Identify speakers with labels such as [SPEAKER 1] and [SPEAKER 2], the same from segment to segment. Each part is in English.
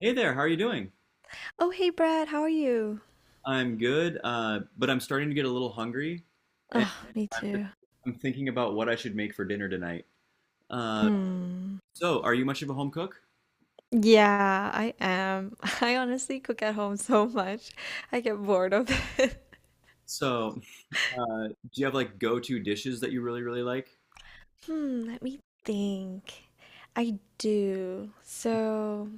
[SPEAKER 1] Hey there, how are you doing?
[SPEAKER 2] Oh, hey Brad, how are you?
[SPEAKER 1] I'm good, but I'm starting to get a little hungry, and
[SPEAKER 2] Ugh, me
[SPEAKER 1] I'm just,
[SPEAKER 2] too.
[SPEAKER 1] I'm thinking about what I should make for dinner tonight. Uh,
[SPEAKER 2] Mm.
[SPEAKER 1] so, are you much of a home cook?
[SPEAKER 2] Yeah, I am. I honestly cook at home so much. I get bored of it.
[SPEAKER 1] So, do you have like go-to dishes that you really, really like?
[SPEAKER 2] Hmm, let me think. I do. So,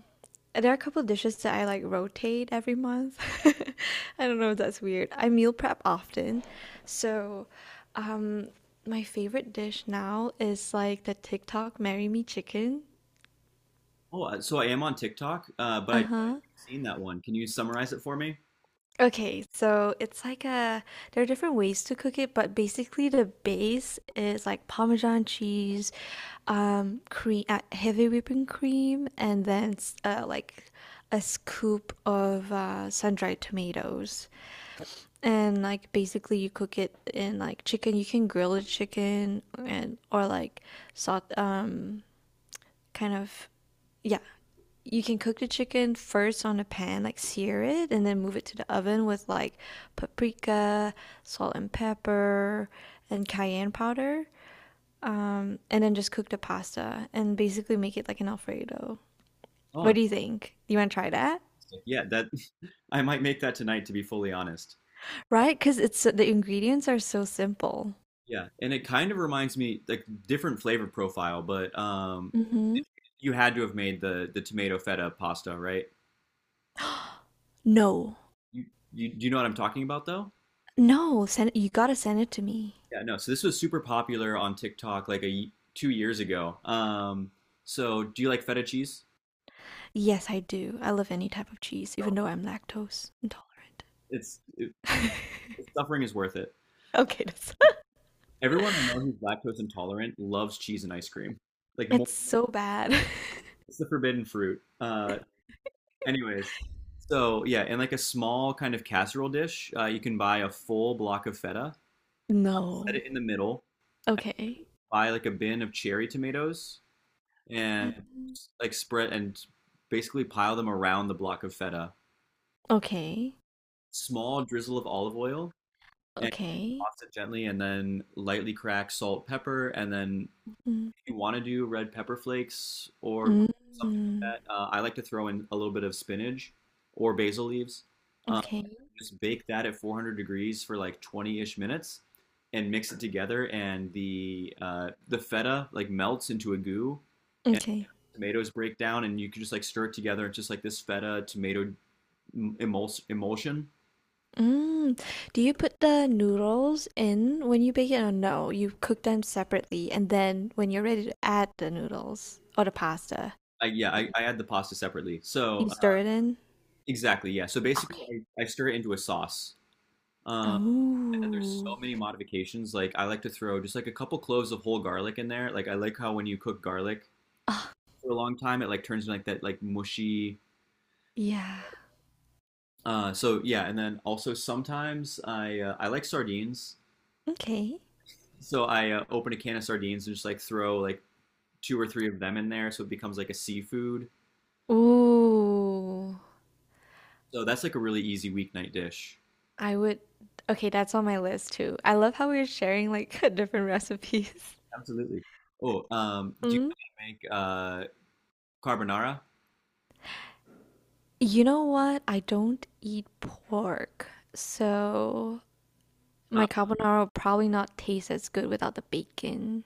[SPEAKER 2] there are a couple dishes that I like rotate every month. I don't know if that's weird. I meal prep often. So, um, my favorite dish now is like the TikTok Marry Me Chicken.
[SPEAKER 1] Oh, so I am on TikTok, but I haven't
[SPEAKER 2] Uh-huh.
[SPEAKER 1] seen that one. Can you summarize it for me?
[SPEAKER 2] Okay, so it's like a there are different ways to cook it, but basically the base is like Parmesan cheese, cream, heavy whipping cream, and then like a scoop of sun-dried tomatoes. And like basically you cook it in like chicken. You can grill the chicken and or like salt, kind of yeah, you can cook the chicken first on a pan, like sear it, and then move it to the oven with like paprika, salt and pepper, and cayenne powder. And then just cook the pasta and basically make it like an Alfredo.
[SPEAKER 1] Oh,
[SPEAKER 2] What do you think? You want to try that?
[SPEAKER 1] fantastic. Yeah, that I might make that tonight, to be fully honest.
[SPEAKER 2] Right? Because the ingredients are so simple.
[SPEAKER 1] Yeah, and it kind of reminds me like different flavor profile, but
[SPEAKER 2] Mm-hmm.
[SPEAKER 1] you had to have made the tomato feta pasta, right?
[SPEAKER 2] No,
[SPEAKER 1] You, you do you know what I'm talking about though?
[SPEAKER 2] no, send it, you gotta send it to me.
[SPEAKER 1] Yeah, no. So this was super popular on TikTok like 2 years ago. So do you like feta cheese?
[SPEAKER 2] Yes, I do. I love any type of cheese,
[SPEAKER 1] No.
[SPEAKER 2] even though I'm lactose intolerant.
[SPEAKER 1] It's it, Suffering is worth it.
[SPEAKER 2] Okay, that's
[SPEAKER 1] Everyone I know who's lactose intolerant loves cheese and ice cream. Like more,
[SPEAKER 2] It's so bad.
[SPEAKER 1] it's the forbidden fruit. Anyways, so yeah, in like a small kind of casserole dish, you can buy a full block of feta, set
[SPEAKER 2] No.
[SPEAKER 1] it in the middle,
[SPEAKER 2] Okay.
[SPEAKER 1] buy like a bin of cherry tomatoes, and
[SPEAKER 2] Seven.
[SPEAKER 1] like spread and basically pile them around the block of feta.
[SPEAKER 2] Okay.
[SPEAKER 1] Small drizzle of olive oil and
[SPEAKER 2] Okay.
[SPEAKER 1] toss it gently, and then lightly crack salt, pepper, and then
[SPEAKER 2] Mm.
[SPEAKER 1] if you want to do red pepper flakes or
[SPEAKER 2] Mm.
[SPEAKER 1] something like
[SPEAKER 2] Mm.
[SPEAKER 1] that, I like to throw in a little bit of spinach or basil leaves. Um,
[SPEAKER 2] Okay.
[SPEAKER 1] just bake that at 400 degrees for like 20-ish minutes and mix it together, and the feta like melts into a goo,
[SPEAKER 2] Okay.
[SPEAKER 1] tomatoes break down and you can just like stir it together. It's just like this feta tomato emulsion.
[SPEAKER 2] Mm. Do you put the noodles in when you bake it or no? You cook them separately and then when you're ready to add the noodles or the pasta,
[SPEAKER 1] I, yeah,
[SPEAKER 2] y-
[SPEAKER 1] I, I add the pasta separately.
[SPEAKER 2] you stir it in?
[SPEAKER 1] Exactly, yeah. So basically,
[SPEAKER 2] Okay.
[SPEAKER 1] I stir it into a sauce. Um, and there's so
[SPEAKER 2] Oh.
[SPEAKER 1] many modifications. Like I like to throw just like a couple cloves of whole garlic in there. Like I like how when you cook garlic
[SPEAKER 2] Ah,
[SPEAKER 1] for a long time, it like turns into like that like mushy.
[SPEAKER 2] yeah.
[SPEAKER 1] So yeah, and then also sometimes I like sardines.
[SPEAKER 2] Okay.
[SPEAKER 1] So I open a can of sardines and just like throw like two or three of them in there, so it becomes like a seafood.
[SPEAKER 2] Ooh.
[SPEAKER 1] So that's like a really easy weeknight dish.
[SPEAKER 2] I would Okay, that's on my list too. I love how we're sharing like different recipes.
[SPEAKER 1] Absolutely. Oh, do you
[SPEAKER 2] Mm.
[SPEAKER 1] know how to make carbonara?
[SPEAKER 2] You know what? I don't eat pork, so
[SPEAKER 1] Uh,
[SPEAKER 2] my carbonara will probably not taste as good without the bacon.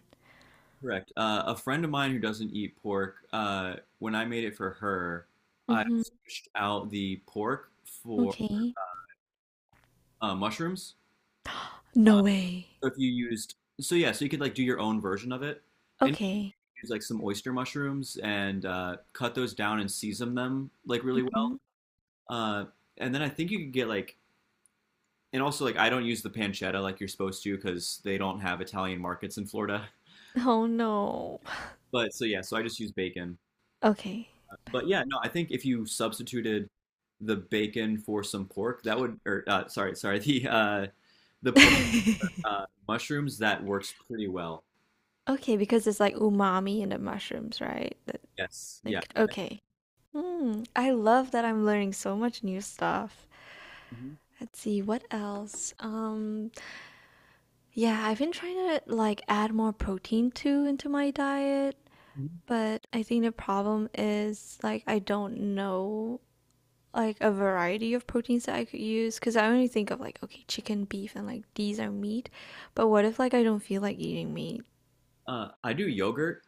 [SPEAKER 1] Correct. A friend of mine who doesn't eat pork, when I made it for her, I
[SPEAKER 2] Mm-hmm.
[SPEAKER 1] switched out the pork for
[SPEAKER 2] Okay.
[SPEAKER 1] mushrooms.
[SPEAKER 2] No way.
[SPEAKER 1] So if you used, So yeah, so you could like do your own version of it, and you
[SPEAKER 2] Okay.
[SPEAKER 1] could use like some oyster mushrooms and cut those down and season them like really well.
[SPEAKER 2] Hmm.
[SPEAKER 1] Uh, and then I think you could get like, and also like I don't use the pancetta like you're supposed to because they don't have Italian markets in Florida.
[SPEAKER 2] Oh no.
[SPEAKER 1] But so yeah, so I just use bacon.
[SPEAKER 2] Okay.
[SPEAKER 1] But yeah, no, I think if you substituted the bacon for some pork, that would or sorry, sorry, the pork, mushrooms, that works pretty well.
[SPEAKER 2] Okay, because it's like umami in the mushrooms, right? That
[SPEAKER 1] Yes, yeah.
[SPEAKER 2] like okay. Hmm. I love that I'm learning so much new stuff.
[SPEAKER 1] Mhm.
[SPEAKER 2] Let's see what else. Yeah, I've been trying to like add more protein too into my diet,
[SPEAKER 1] Mhm.
[SPEAKER 2] but I think the problem is like I don't know like a variety of proteins that I could use because I only think of like okay, chicken, beef, and like these are meat. But what if like I don't feel like eating meat?
[SPEAKER 1] I do yogurt.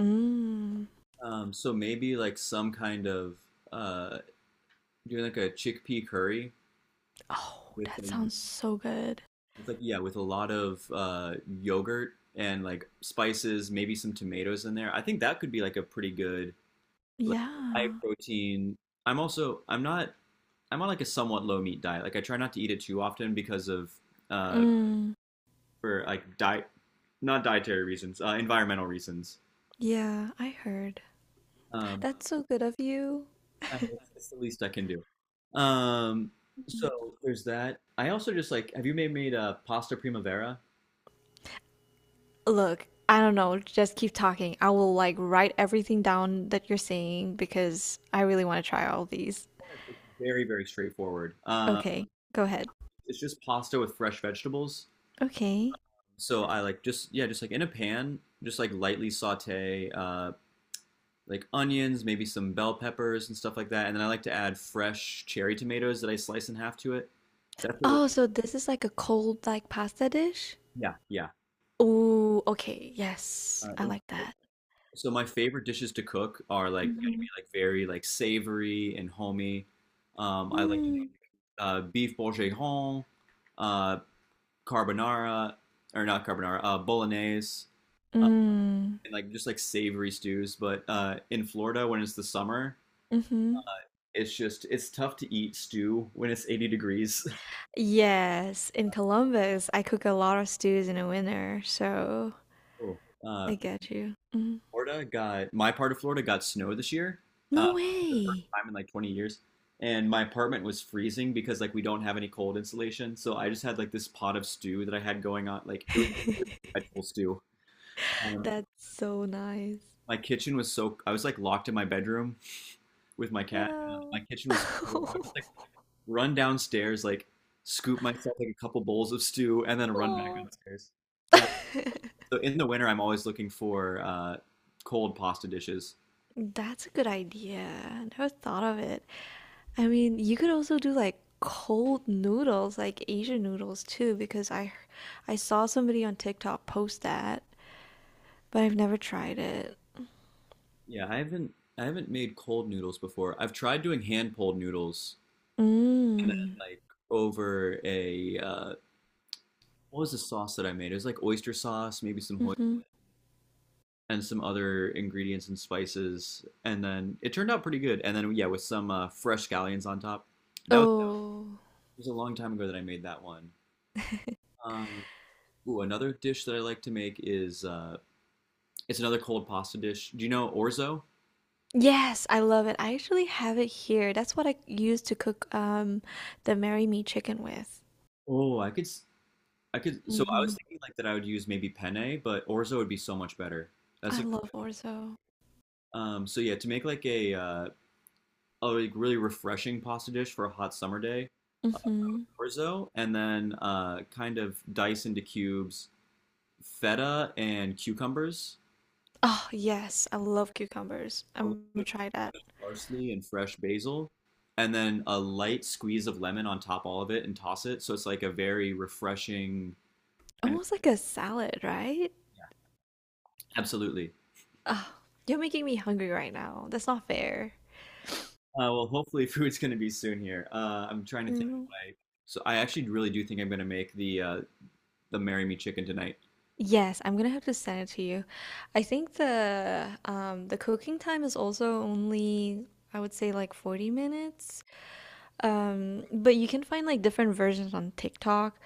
[SPEAKER 2] Mm.
[SPEAKER 1] So maybe like some kind of uh doing like a chickpea curry
[SPEAKER 2] Oh,
[SPEAKER 1] with
[SPEAKER 2] that
[SPEAKER 1] a
[SPEAKER 2] sounds so good.
[SPEAKER 1] with like yeah, with a lot of yogurt and like spices, maybe some tomatoes in there. I think that could be like a pretty good like high
[SPEAKER 2] Yeah.
[SPEAKER 1] protein. I'm not, I'm on like a somewhat low meat diet. Like I try not to eat it too often because of uh
[SPEAKER 2] Mm.
[SPEAKER 1] for like diet not dietary reasons, environmental reasons.
[SPEAKER 2] Yeah, I heard.
[SPEAKER 1] Um,
[SPEAKER 2] That's so good of you.
[SPEAKER 1] I it's the least I can do. Um, so
[SPEAKER 2] Mm.
[SPEAKER 1] there's that. I also just like have you made a pasta primavera?
[SPEAKER 2] Look, I don't know. Just keep talking. I will like write everything down that you're saying because I really want to try all these.
[SPEAKER 1] It's very very straightforward.
[SPEAKER 2] Okay, go ahead.
[SPEAKER 1] It's just pasta with fresh vegetables.
[SPEAKER 2] Okay.
[SPEAKER 1] So I like just yeah, just like in a pan, just like lightly saute like onions, maybe some bell peppers and stuff like that, and then I like to add fresh cherry tomatoes that I slice in half to it. That's a really
[SPEAKER 2] Oh, so this is like a cold like pasta dish?
[SPEAKER 1] Yeah, yeah.
[SPEAKER 2] Ooh, okay. Yes, I
[SPEAKER 1] And
[SPEAKER 2] like that.
[SPEAKER 1] so my favorite dishes to cook are like gonna be
[SPEAKER 2] Mm-hmm.
[SPEAKER 1] like very like savory and homey. I like to do
[SPEAKER 2] Mm.
[SPEAKER 1] beef bourguignon, uh, carbonara or not carbonara, bolognese.
[SPEAKER 2] Mm.
[SPEAKER 1] And like just like savory stews. But in Florida, when it's the summer,
[SPEAKER 2] Mm-hmm.
[SPEAKER 1] it's tough to eat stew when it's 80 degrees.
[SPEAKER 2] Yes, in Columbus, I cook a lot of stews in the winter, so
[SPEAKER 1] Oh. Uh,
[SPEAKER 2] I get you. Mm.
[SPEAKER 1] Florida got My part of Florida got snow this year, uh,
[SPEAKER 2] No
[SPEAKER 1] for the first
[SPEAKER 2] way.
[SPEAKER 1] time in like 20 years, and my apartment was freezing because like we don't have any cold insulation. So I just had like this pot of stew that I had going on, like it was vegetable stew. Um,
[SPEAKER 2] That's so nice.
[SPEAKER 1] my kitchen was so I was like locked in my bedroom with my cat. My
[SPEAKER 2] Yeah.
[SPEAKER 1] kitchen was so cold. I would just like run downstairs, like scoop myself like a couple bowls of stew, and then run back
[SPEAKER 2] Oh.
[SPEAKER 1] downstairs. Uh, so in the winter, I'm always looking for cold pasta dishes.
[SPEAKER 2] That's a good idea. I never thought of it. I mean, you could also do like cold noodles, like Asian noodles too, because I saw somebody on TikTok post that, but I've never tried it.
[SPEAKER 1] Yeah, I haven't made cold noodles before. I've tried doing hand pulled noodles, and then
[SPEAKER 2] Mm.
[SPEAKER 1] like over a what was the sauce that I made? It was like oyster sauce, maybe some hoi
[SPEAKER 2] Mm-hmm.
[SPEAKER 1] and some other ingredients and spices, and then it turned out pretty good. And then yeah, with some fresh scallions on top. That was,
[SPEAKER 2] Oh.
[SPEAKER 1] it was a long time ago that I made that one. Um, Ooh, another dish that I like to make is it's another cold pasta dish. Do you know orzo?
[SPEAKER 2] Yes, I love it. I actually have it here. That's what I use to cook the Marry Me chicken with.
[SPEAKER 1] Oh, I could. So I was
[SPEAKER 2] Mm-hmm.
[SPEAKER 1] thinking like that I would use maybe penne, but orzo would be so much better. That's
[SPEAKER 2] I
[SPEAKER 1] like,
[SPEAKER 2] love orzo.
[SPEAKER 1] So yeah, to make like a like, really refreshing pasta dish for a hot summer day,
[SPEAKER 2] Mm-hmm.
[SPEAKER 1] orzo, and then kind of dice into cubes feta and cucumbers,
[SPEAKER 2] Oh, yes, I love cucumbers.
[SPEAKER 1] a little
[SPEAKER 2] I'm gonna
[SPEAKER 1] bit of
[SPEAKER 2] try that.
[SPEAKER 1] fresh parsley and fresh basil, and then a light squeeze of lemon on top all of it and toss it. So it's like a very refreshing kind of,
[SPEAKER 2] Almost like a salad, right?
[SPEAKER 1] yeah, absolutely.
[SPEAKER 2] Oh, you're making me hungry right now. That's not fair.
[SPEAKER 1] Well, hopefully food's going to be soon here. I'm trying to think
[SPEAKER 2] Mm.
[SPEAKER 1] what I, So I actually really do think I'm going to make the Marry Me chicken tonight.
[SPEAKER 2] Yes, I'm gonna have to send it to you. I think the cooking time is also only I would say like 40 minutes. But you can find like different versions on TikTok.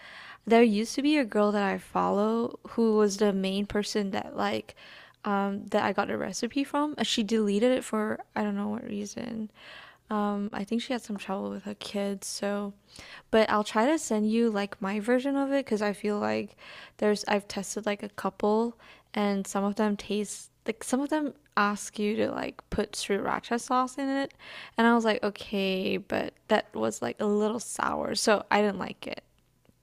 [SPEAKER 2] There used to be a girl that I follow who was the main person that I got a recipe from. She deleted it for I don't know what reason. I think she had some trouble with her kids, so but I'll try to send you like my version of it because I feel like there's I've tested like a couple and some of them taste like some of them ask you to like put sriracha sauce in it and I was like, okay, but that was like a little sour, so I didn't like it.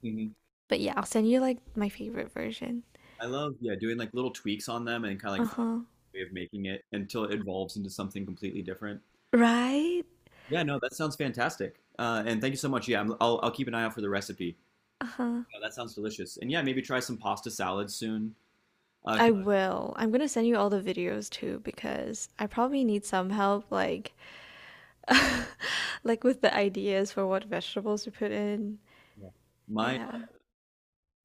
[SPEAKER 1] Hmm.
[SPEAKER 2] But yeah, I'll send you like my favorite version.
[SPEAKER 1] I love, yeah, doing like little tweaks on them and kind of like
[SPEAKER 2] Uh huh.
[SPEAKER 1] way of making it until it evolves into something completely different.
[SPEAKER 2] Right?
[SPEAKER 1] Yeah, no, that sounds fantastic. And thank you so much. Yeah, I'll keep an eye out for the recipe.
[SPEAKER 2] Uh huh.
[SPEAKER 1] Oh, that sounds delicious. And yeah, maybe try some pasta salad soon.
[SPEAKER 2] I
[SPEAKER 1] 'Cause
[SPEAKER 2] will. I'm gonna send you all the videos too because I probably need some help, like, like with the ideas for what vegetables to put in.
[SPEAKER 1] my
[SPEAKER 2] Yeah.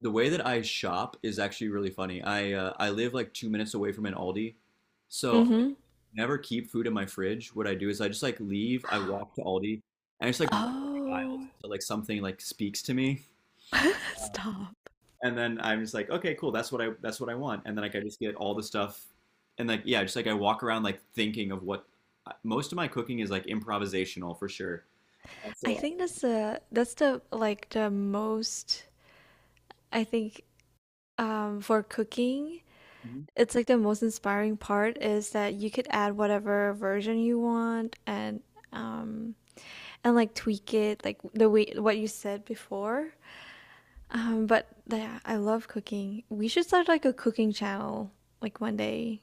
[SPEAKER 1] the way that I shop is actually really funny. I live like 2 minutes away from an Aldi, so I
[SPEAKER 2] Mm-hmm.
[SPEAKER 1] never keep food in my fridge. What I do is I just like leave. I walk to Aldi and I just like walk the aisles
[SPEAKER 2] Oh,
[SPEAKER 1] until like something like speaks to me,
[SPEAKER 2] stop.
[SPEAKER 1] and then I'm just like, okay, cool. That's what I want. And then like I just get all the stuff, and like yeah, just like I walk around like thinking of what most of my cooking is like improvisational for sure. Uh,
[SPEAKER 2] I
[SPEAKER 1] So.
[SPEAKER 2] think that's the like the most I think for cooking It's like the most inspiring part is that you could add whatever version you want um and like tweak it like the way what you said before. But yeah, I love cooking. We should start like a cooking channel like one day.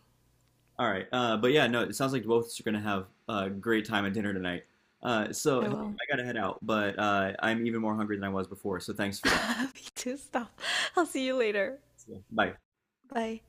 [SPEAKER 1] All right. But yeah, no, it sounds like both of us are gonna have a great time at dinner tonight. So
[SPEAKER 2] I
[SPEAKER 1] hey,
[SPEAKER 2] will.
[SPEAKER 1] I gotta head out, but I'm even more hungry than I was before. So thanks for that.
[SPEAKER 2] Me too. Stop. I'll see you later.
[SPEAKER 1] Bye.
[SPEAKER 2] Bye.